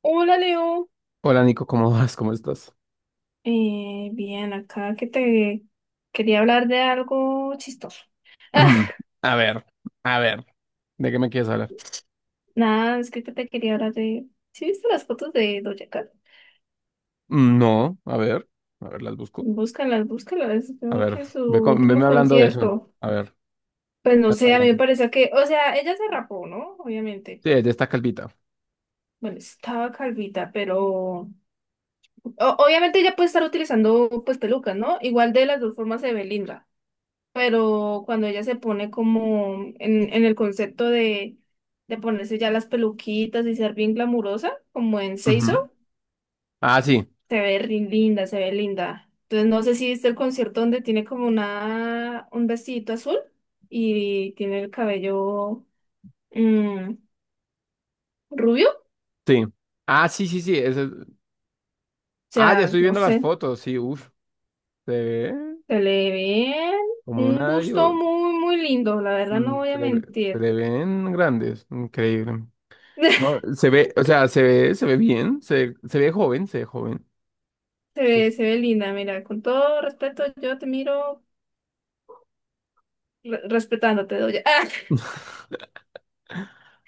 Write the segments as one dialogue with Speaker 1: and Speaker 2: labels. Speaker 1: Hola, Leo.
Speaker 2: Hola Nico, ¿cómo vas? ¿Cómo estás?
Speaker 1: Bien, acá que te quería hablar de algo chistoso.
Speaker 2: A ver, a ver, ¿de qué me quieres hablar?
Speaker 1: Nada, es que te quería hablar de... ¿Sí viste las fotos de Doja Cat?
Speaker 2: No, a ver, las busco.
Speaker 1: Búscalas, búscalas.
Speaker 2: A
Speaker 1: Creo
Speaker 2: ver,
Speaker 1: que su último
Speaker 2: veme hablando de eso.
Speaker 1: concierto.
Speaker 2: A ver,
Speaker 1: Pues no
Speaker 2: veme
Speaker 1: sé, a mí me
Speaker 2: hablando.
Speaker 1: parece que... O sea, ella se rapó, ¿no? Obviamente.
Speaker 2: Sí, de esta calvita.
Speaker 1: Bueno, estaba calvita, pero... obviamente ella puede estar utilizando pues pelucas, ¿no? Igual de las dos formas se ve linda. Pero cuando ella se pone como en el concepto de, ponerse ya las peluquitas y ser bien glamurosa, como en
Speaker 2: Ujú.
Speaker 1: Seiso,
Speaker 2: Ah, sí,
Speaker 1: se ve linda, se ve linda. Entonces no sé si viste el concierto donde tiene como un vestidito azul y tiene el cabello mm, rubio, o
Speaker 2: sí. Ah, sí, sí, sí. Ah, ya
Speaker 1: sea,
Speaker 2: estoy
Speaker 1: no
Speaker 2: viendo las
Speaker 1: sé,
Speaker 2: fotos, sí, uff. Se ve
Speaker 1: se le ve
Speaker 2: como
Speaker 1: un
Speaker 2: una...
Speaker 1: busto
Speaker 2: digo,
Speaker 1: muy, muy lindo, la verdad
Speaker 2: mm,
Speaker 1: no voy
Speaker 2: se
Speaker 1: a
Speaker 2: le, ve- se
Speaker 1: mentir.
Speaker 2: le ven grandes, increíble. No, se ve, o sea, se ve bien, se ve joven, se ve joven.
Speaker 1: Se ve linda, mira, con todo respeto, yo te miro respetándote, oye. Ah,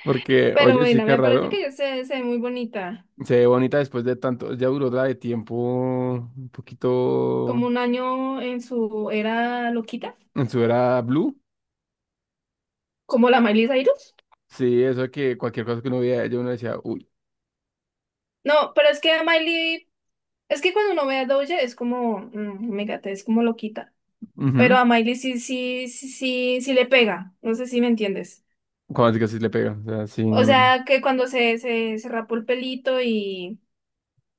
Speaker 2: Porque,
Speaker 1: pero
Speaker 2: oye, sí
Speaker 1: bueno,
Speaker 2: que
Speaker 1: me parece
Speaker 2: raro.
Speaker 1: que se ve muy bonita.
Speaker 2: Se ve bonita después de tanto, ya duró la de tiempo un poquito
Speaker 1: Como un año en su era loquita,
Speaker 2: en su era blue.
Speaker 1: como la Miley Cyrus.
Speaker 2: Sí, eso que cualquier cosa que uno veía, yo uno decía, uy,
Speaker 1: No, pero es que a Miley, es que cuando uno ve a Doja es como, mégate, es como loquita. Pero
Speaker 2: mhm.
Speaker 1: a Miley sí, sí, sí, sí, sí le pega. No sé si me entiendes.
Speaker 2: Cuando así que así le pega, o sea, sí,
Speaker 1: O
Speaker 2: ujú,
Speaker 1: sea, que cuando se rapó el pelito y,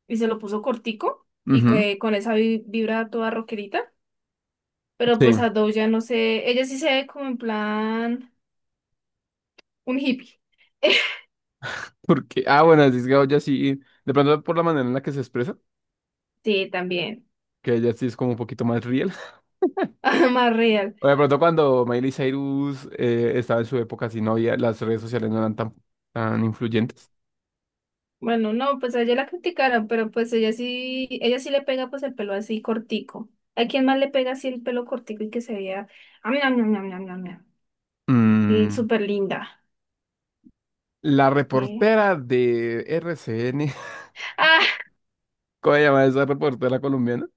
Speaker 1: y se lo puso cortico y que con esa vibra toda rockerita. Pero pues
Speaker 2: sí,
Speaker 1: a Doja no sé, ella sí se ve como en plan un hippie.
Speaker 2: porque, ah, bueno, así es que ya sí, de pronto por la manera en la que se expresa,
Speaker 1: Sí, también.
Speaker 2: que ella sí es como un poquito más real.
Speaker 1: Más real.
Speaker 2: O de pronto cuando Miley Cyrus estaba en su época, así no había, las redes sociales no eran tan, tan influyentes.
Speaker 1: Bueno, no, pues a ella la criticaron, pero pues ella sí le pega pues el pelo así cortico. ¿A quién más le pega así el pelo cortico y que se vea? Ah, mira, mira, mira, mira, mira, mira. Y
Speaker 2: Mm,
Speaker 1: súper linda.
Speaker 2: La
Speaker 1: eh.
Speaker 2: reportera de RCN.
Speaker 1: Ah,
Speaker 2: ¿Cómo se llama esa reportera colombiana?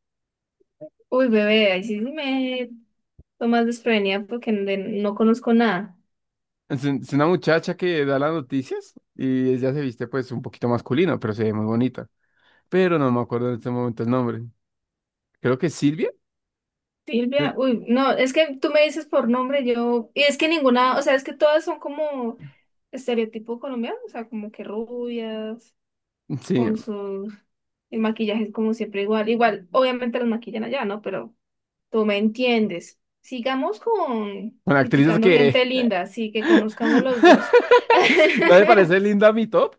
Speaker 1: uy, bebé, ahí sí me tomas desprevenida porque no conozco nada.
Speaker 2: Es una muchacha que da las noticias y ella se viste pues un poquito masculino, pero se ve muy bonita. Pero no me acuerdo en este momento el nombre. Creo que es Silvia.
Speaker 1: Silvia,
Speaker 2: Sil-
Speaker 1: uy, no, es que tú me dices por nombre, yo, y es que ninguna, o sea, es que todas son como estereotipo colombiano, o sea, como que rubias
Speaker 2: Sí,
Speaker 1: con sus... El maquillaje es como siempre igual. Igual, obviamente los maquillan allá, ¿no? Pero tú me entiendes. Sigamos con
Speaker 2: una actriz
Speaker 1: criticando
Speaker 2: que...
Speaker 1: gente linda, así que conozcamos los dos.
Speaker 2: ¿No le parece linda mi top?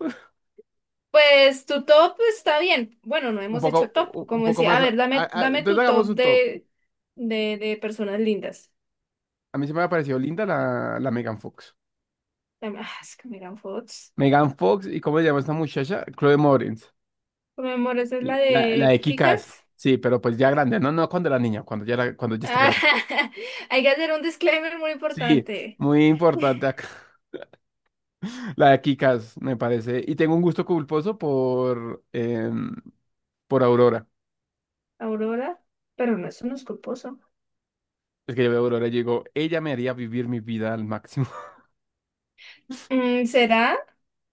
Speaker 1: Pues tu top está bien. Bueno, no
Speaker 2: Un
Speaker 1: hemos
Speaker 2: poco,
Speaker 1: hecho top.
Speaker 2: u- un
Speaker 1: Como
Speaker 2: poco
Speaker 1: decía,
Speaker 2: más...
Speaker 1: a ver, dame,
Speaker 2: a-
Speaker 1: dame
Speaker 2: Entonces
Speaker 1: tu
Speaker 2: hagamos
Speaker 1: top
Speaker 2: un top.
Speaker 1: de, de personas lindas.
Speaker 2: A mí se me ha parecido linda la Megan Fox.
Speaker 1: Dame, es que Megan Fox.
Speaker 2: Megan Fox y ¿cómo se llama esta muchacha? Chloe Moretz.
Speaker 1: Por mi amor, esa es la
Speaker 2: La de
Speaker 1: de
Speaker 2: Kika es,
Speaker 1: Kikas.
Speaker 2: sí, pero pues ya grande, no, no cuando era niña, cuando ya está grande.
Speaker 1: Hay que hacer un disclaimer muy
Speaker 2: Sí,
Speaker 1: importante.
Speaker 2: muy importante acá. La de Kikas, me parece. Y tengo un gusto culposo por, por Aurora.
Speaker 1: Aurora, pero no, eso no es culposo.
Speaker 2: Es que yo veo a Aurora y digo, ella me haría vivir mi vida al máximo.
Speaker 1: Mm, ¿será?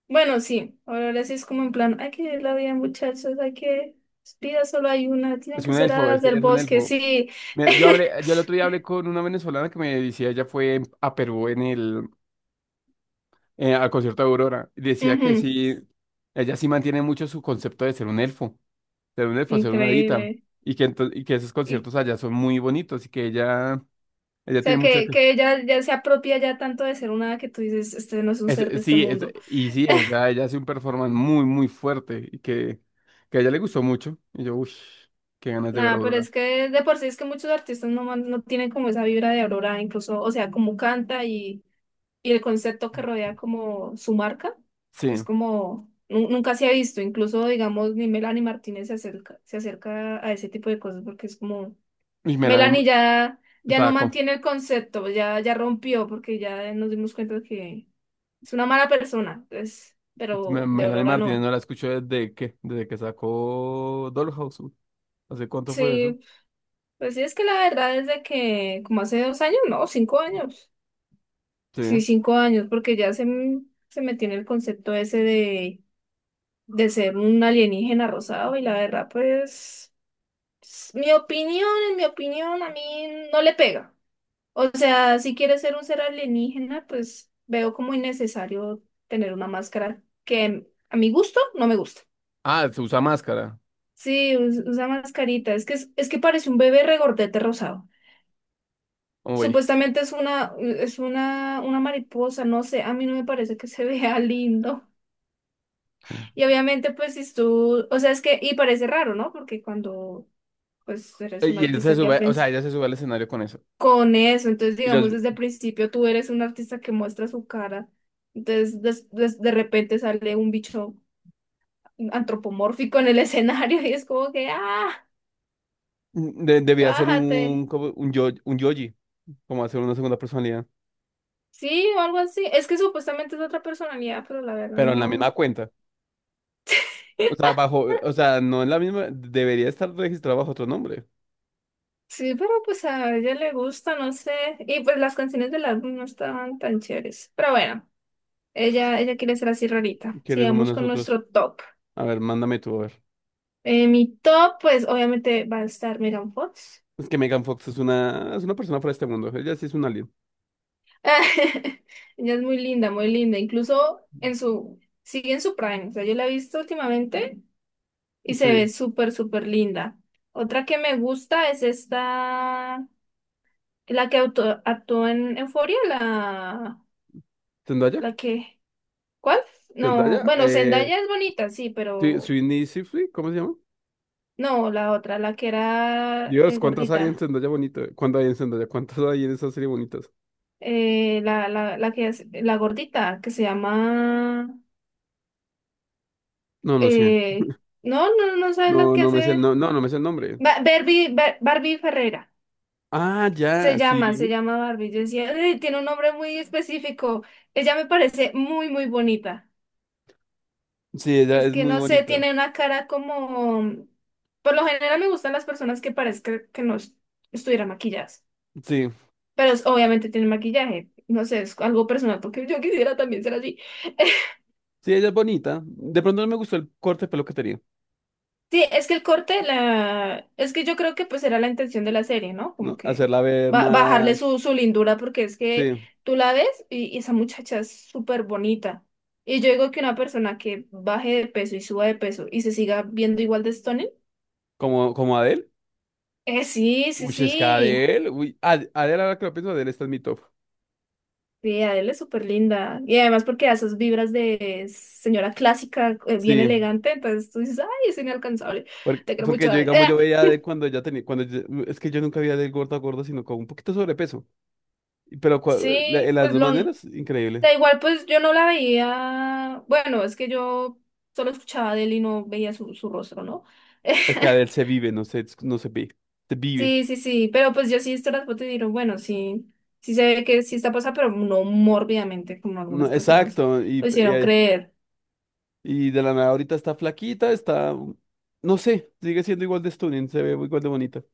Speaker 1: Bueno, sí, Aurora sí es como en plan, hay que vivir la vida, muchachos, hay que, vida solo hay una, tienen
Speaker 2: Es
Speaker 1: que
Speaker 2: un
Speaker 1: ser
Speaker 2: elfo, es
Speaker 1: hadas
Speaker 2: que
Speaker 1: del
Speaker 2: ella es un
Speaker 1: bosque,
Speaker 2: elfo.
Speaker 1: sí.
Speaker 2: Yo hablé, yo el otro día hablé con una venezolana que me decía, ella fue a Perú en el, al concierto de Aurora. Y decía que
Speaker 1: Ujú,
Speaker 2: sí, ella sí mantiene mucho su concepto de ser un elfo. Ser un esfuerzo, ser una dita,
Speaker 1: increíble.
Speaker 2: y que, y que esos
Speaker 1: Y, o
Speaker 2: conciertos allá son muy bonitos y que ella tiene
Speaker 1: sea,
Speaker 2: muchas...
Speaker 1: que, que ella ya se apropia ya tanto de ser una hada que tú dices, este no es un ser de este
Speaker 2: sí, es,
Speaker 1: mundo.
Speaker 2: y sí, o sea, ella hace un performance muy, muy fuerte y que a ella le gustó mucho. Y yo, uff, qué ganas de ver a
Speaker 1: Nada, pero
Speaker 2: Aurora.
Speaker 1: es que de por sí es que muchos artistas no tienen como esa vibra de Aurora, incluso, o sea, como canta y el concepto que rodea como su marca
Speaker 2: Sí,
Speaker 1: es como nunca se ha visto, incluso digamos ni Melanie Martínez se acerca a ese tipo de cosas porque es como
Speaker 2: y Melanie,
Speaker 1: Melanie ya no
Speaker 2: estaba con-
Speaker 1: mantiene el concepto, ya rompió porque ya nos dimos cuenta que es una mala persona, entonces, pero de
Speaker 2: Melanie
Speaker 1: Aurora
Speaker 2: Martínez no
Speaker 1: no.
Speaker 2: la escucho desde que sacó Dollhouse. ¿Hace cuánto fue eso?
Speaker 1: Sí, pues sí es que la verdad es de que como hace 2 años, no, 5 años.
Speaker 2: Sí.
Speaker 1: Sí, 5 años, porque ya se me tiene el concepto ese de ser un alienígena rosado y la verdad, pues, en mi opinión, a mí no le pega. O sea, si quieres ser un ser alienígena, pues veo como innecesario tener una máscara que a mi gusto no me gusta.
Speaker 2: Ah, se usa máscara.
Speaker 1: Sí, usa mascarita. Es que parece un bebé regordete rosado.
Speaker 2: Oye.
Speaker 1: Supuestamente una mariposa, no sé, a mí no me parece que se vea lindo. Y obviamente, pues, si tú, o sea, es que, y parece raro, ¿no? Porque cuando pues eres un
Speaker 2: Y él se
Speaker 1: artista que
Speaker 2: sube, o sea,
Speaker 1: aprecia
Speaker 2: ella se sube al escenario con eso.
Speaker 1: con eso. Entonces,
Speaker 2: Y los,
Speaker 1: digamos, desde el principio tú eres un artista que muestra su cara. Entonces, de repente sale un bicho antropomórfico en el escenario y es como que, ah,
Speaker 2: Debía hacer
Speaker 1: bájate.
Speaker 2: un, como un, yo, un yoji, como hacer una segunda personalidad,
Speaker 1: Sí, o algo así. Es que supuestamente es otra personalidad, pero la verdad
Speaker 2: pero en la misma
Speaker 1: no.
Speaker 2: cuenta. O sea, bajo, o sea, no en la misma, debería estar registrado bajo otro nombre.
Speaker 1: Sí, pero pues a ella le gusta, no sé. Y pues las canciones del álbum no estaban tan chéveres. Pero bueno, ella quiere ser así rarita.
Speaker 2: ¿Quiénes somos
Speaker 1: Sigamos con
Speaker 2: nosotros?
Speaker 1: nuestro top.
Speaker 2: A ver, mándame tú, a ver.
Speaker 1: Mi top, pues obviamente va a estar Megan Fox.
Speaker 2: Es que Megan Fox es una persona fuera de este mundo. Ella sí es un alien.
Speaker 1: Ella es muy linda, muy linda. Incluso sigue en su prime. O sea, yo la he visto últimamente y se ve
Speaker 2: Sí.
Speaker 1: súper, súper linda. Otra que me gusta es esta, la que actuó en Euphoria, la,
Speaker 2: ¿Zendaya?
Speaker 1: que, ¿cuál? No,
Speaker 2: ¿Zendaya?
Speaker 1: bueno, Zendaya es bonita, sí,
Speaker 2: Sí,
Speaker 1: pero
Speaker 2: Sweeney Sifri, ¿cómo se llama?
Speaker 1: no, la otra, la que era
Speaker 2: Dios, ¿cuántas hay en
Speaker 1: gordita.
Speaker 2: Zendaya bonito? ¿Cuántas hay en Zendaya? ¿Cuántas hay en esa serie bonitas?
Speaker 1: La, la que es, la gordita, que se llama.
Speaker 2: No, no sé.
Speaker 1: Eh, no, no, no sabes lo
Speaker 2: No,
Speaker 1: que hace.
Speaker 2: no, no, no me sé el nombre.
Speaker 1: Barbie, Barbie Ferreira.
Speaker 2: Ah,
Speaker 1: Se
Speaker 2: ya,
Speaker 1: llama, se
Speaker 2: sí.
Speaker 1: llama Barbie. Yo decía, "Ay, tiene un nombre muy específico." Ella me parece muy, muy bonita.
Speaker 2: Sí, ella
Speaker 1: Es
Speaker 2: es
Speaker 1: que
Speaker 2: muy
Speaker 1: no sé,
Speaker 2: bonita.
Speaker 1: tiene una cara como... Por lo general me gustan las personas que parezcan que no estuvieran maquilladas.
Speaker 2: Sí,
Speaker 1: Pero obviamente tiene maquillaje. No sé, es algo personal porque yo quisiera también ser así.
Speaker 2: sí, ella es bonita. De pronto no me gustó el corte de pelo que tenía.
Speaker 1: Sí, es que el corte, la... es que yo creo que pues era la intención de la serie, ¿no? Como
Speaker 2: No,
Speaker 1: que
Speaker 2: hacerla ver más,
Speaker 1: bajarle su lindura porque es que
Speaker 2: sí,
Speaker 1: tú la ves y esa muchacha es súper bonita. Y yo digo que una persona que baje de peso y suba de peso y se siga viendo igual de stunning,
Speaker 2: como, como Adele.
Speaker 1: sí, sí,
Speaker 2: Uy, es que
Speaker 1: sí.
Speaker 2: Adele, uy, Adele, ahora que lo pienso, Adele está en mi top.
Speaker 1: Sí, Adele es súper linda. Y además porque da esas vibras de señora clásica, bien
Speaker 2: Sí,
Speaker 1: elegante, entonces tú dices, ay, es inalcanzable.
Speaker 2: porque,
Speaker 1: Te creo
Speaker 2: porque
Speaker 1: mucho,
Speaker 2: yo,
Speaker 1: Adele.
Speaker 2: digamos, yo veía a Adele cuando ella tenía, es que yo nunca vi a Adele gorda, gorda, sino con un poquito de sobrepeso. Pero en
Speaker 1: Sí,
Speaker 2: las
Speaker 1: pues
Speaker 2: dos
Speaker 1: lo,
Speaker 2: maneras, increíble.
Speaker 1: da igual, pues yo no la veía, bueno, es que yo solo escuchaba de él y no veía su rostro, ¿no?
Speaker 2: Es que Adele se vive, no se, no se ve, se vive.
Speaker 1: Sí, sí, sí, pero pues yo sí he visto las fotos y digo, bueno, sí, sí se ve que sí está pasada, pero no mórbidamente como algunas
Speaker 2: No,
Speaker 1: personas
Speaker 2: exacto,
Speaker 1: lo
Speaker 2: y,
Speaker 1: hicieron creer.
Speaker 2: y de la nada ahorita está flaquita, está, no sé, sigue siendo igual de stunning, se ve igual de bonita.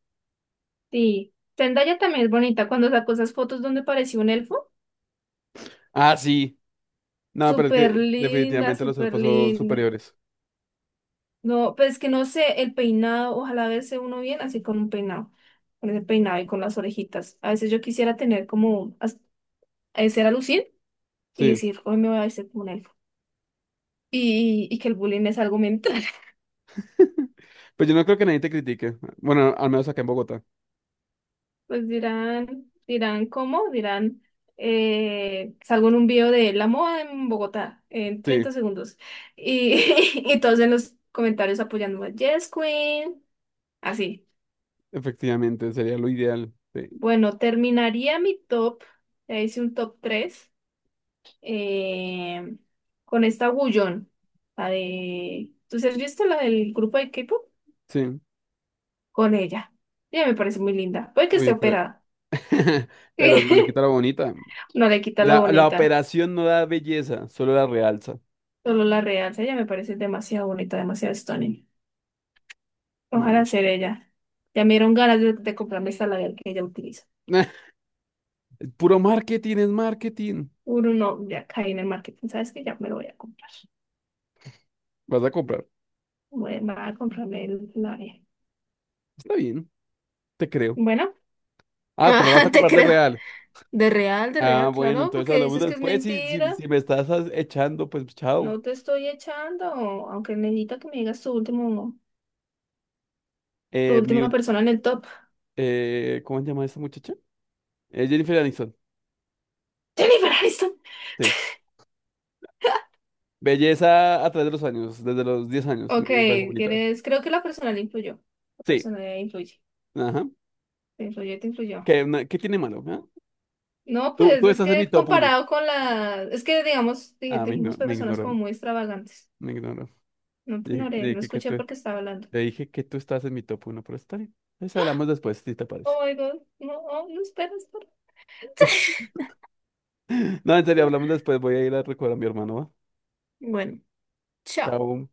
Speaker 1: Sí, Zendaya también es bonita cuando sacó esas fotos donde parecía un elfo,
Speaker 2: Ah, sí. No, pero es
Speaker 1: súper
Speaker 2: que
Speaker 1: linda,
Speaker 2: definitivamente los
Speaker 1: súper
Speaker 2: elfos son
Speaker 1: linda.
Speaker 2: superiores.
Speaker 1: No, pues que no sé, el peinado, ojalá verse uno bien así con un peinado, con ese peinado y con las orejitas. A veces yo quisiera tener como, hacer a lucir y
Speaker 2: Sí.
Speaker 1: decir, hoy me voy a vestir como un elfo. Y que el bullying es algo mental.
Speaker 2: Pues yo no creo que nadie te critique. Bueno, al menos acá en Bogotá.
Speaker 1: Pues dirán, dirán cómo, dirán, salgo en un video de la moda en Bogotá en
Speaker 2: Sí,
Speaker 1: 30 segundos. Y, y todos en los comentarios apoyándome, Yes, Queen, así.
Speaker 2: efectivamente, sería lo ideal. Sí.
Speaker 1: Bueno, terminaría mi top, ya hice un top 3 eh, con esta Wooyeon, la de... ¿Tú sí has visto la del grupo de K-pop?
Speaker 2: Sí.
Speaker 1: Con ella. Ella me parece muy linda. Puede que esté
Speaker 2: Uy, pero,
Speaker 1: operada.
Speaker 2: pero no le quita lo bonita.
Speaker 1: No le quita lo
Speaker 2: La
Speaker 1: bonita,
Speaker 2: operación no da belleza, solo la realza.
Speaker 1: solo la realza. Ella me parece demasiado bonita, demasiado stunning. Ojalá
Speaker 2: Bueno.
Speaker 1: ser ella. Ya me dieron ganas de, comprarme esta labial que ella utiliza.
Speaker 2: Puro marketing es marketing.
Speaker 1: Uno no, ya caí en el marketing, ¿sabes que ya me lo voy a comprar?
Speaker 2: Vas a comprar.
Speaker 1: Voy a comprarme el labial.
Speaker 2: Está bien, te creo.
Speaker 1: Bueno,
Speaker 2: Ah, te
Speaker 1: ah,
Speaker 2: lo vas a
Speaker 1: te
Speaker 2: comprar de
Speaker 1: creo.
Speaker 2: real.
Speaker 1: De
Speaker 2: Ah,
Speaker 1: real,
Speaker 2: bueno,
Speaker 1: claro,
Speaker 2: entonces
Speaker 1: porque
Speaker 2: hablamos
Speaker 1: dices que es
Speaker 2: después. Si, si,
Speaker 1: mentira.
Speaker 2: echando, pues chao.
Speaker 1: No te estoy echando, aunque necesito que me digas tu
Speaker 2: Eh, mi,
Speaker 1: última
Speaker 2: ul-
Speaker 1: persona en el top.
Speaker 2: ¿Cómo se llama esta muchacha? Jennifer Aniston.
Speaker 1: Jennifer Aniston.
Speaker 2: Sí. Belleza a través de los años, desde los 10 años,
Speaker 1: Ok,
Speaker 2: me parece bonita.
Speaker 1: ¿quieres? Creo que la personalidad influyó. La
Speaker 2: Sí,
Speaker 1: personalidad influye.
Speaker 2: ajá.
Speaker 1: Te influyó, te influyó.
Speaker 2: ¿Qué tiene malo? ¿ah?
Speaker 1: No,
Speaker 2: Tú,
Speaker 1: pues
Speaker 2: tú
Speaker 1: es
Speaker 2: estás en mi
Speaker 1: que
Speaker 2: top 1.
Speaker 1: comparado es que digamos,
Speaker 2: Ah, me ignoró,
Speaker 1: dijimos
Speaker 2: me
Speaker 1: personas como
Speaker 2: ignoró,
Speaker 1: muy extravagantes.
Speaker 2: me ignoró.
Speaker 1: No te
Speaker 2: Dije-
Speaker 1: ignoré,
Speaker 2: dije
Speaker 1: no
Speaker 2: que
Speaker 1: escuché
Speaker 2: tú-
Speaker 1: porque estaba hablando.
Speaker 2: le dije que tú estás en mi top 1, pero está bien. Entonces hablamos después, si te parece.
Speaker 1: Oh my God, no, oh, no esperas.
Speaker 2: No, en serio, hablamos después. Voy a ir a recordar a mi hermano, ¿va?
Speaker 1: Bueno, chao.
Speaker 2: Chao.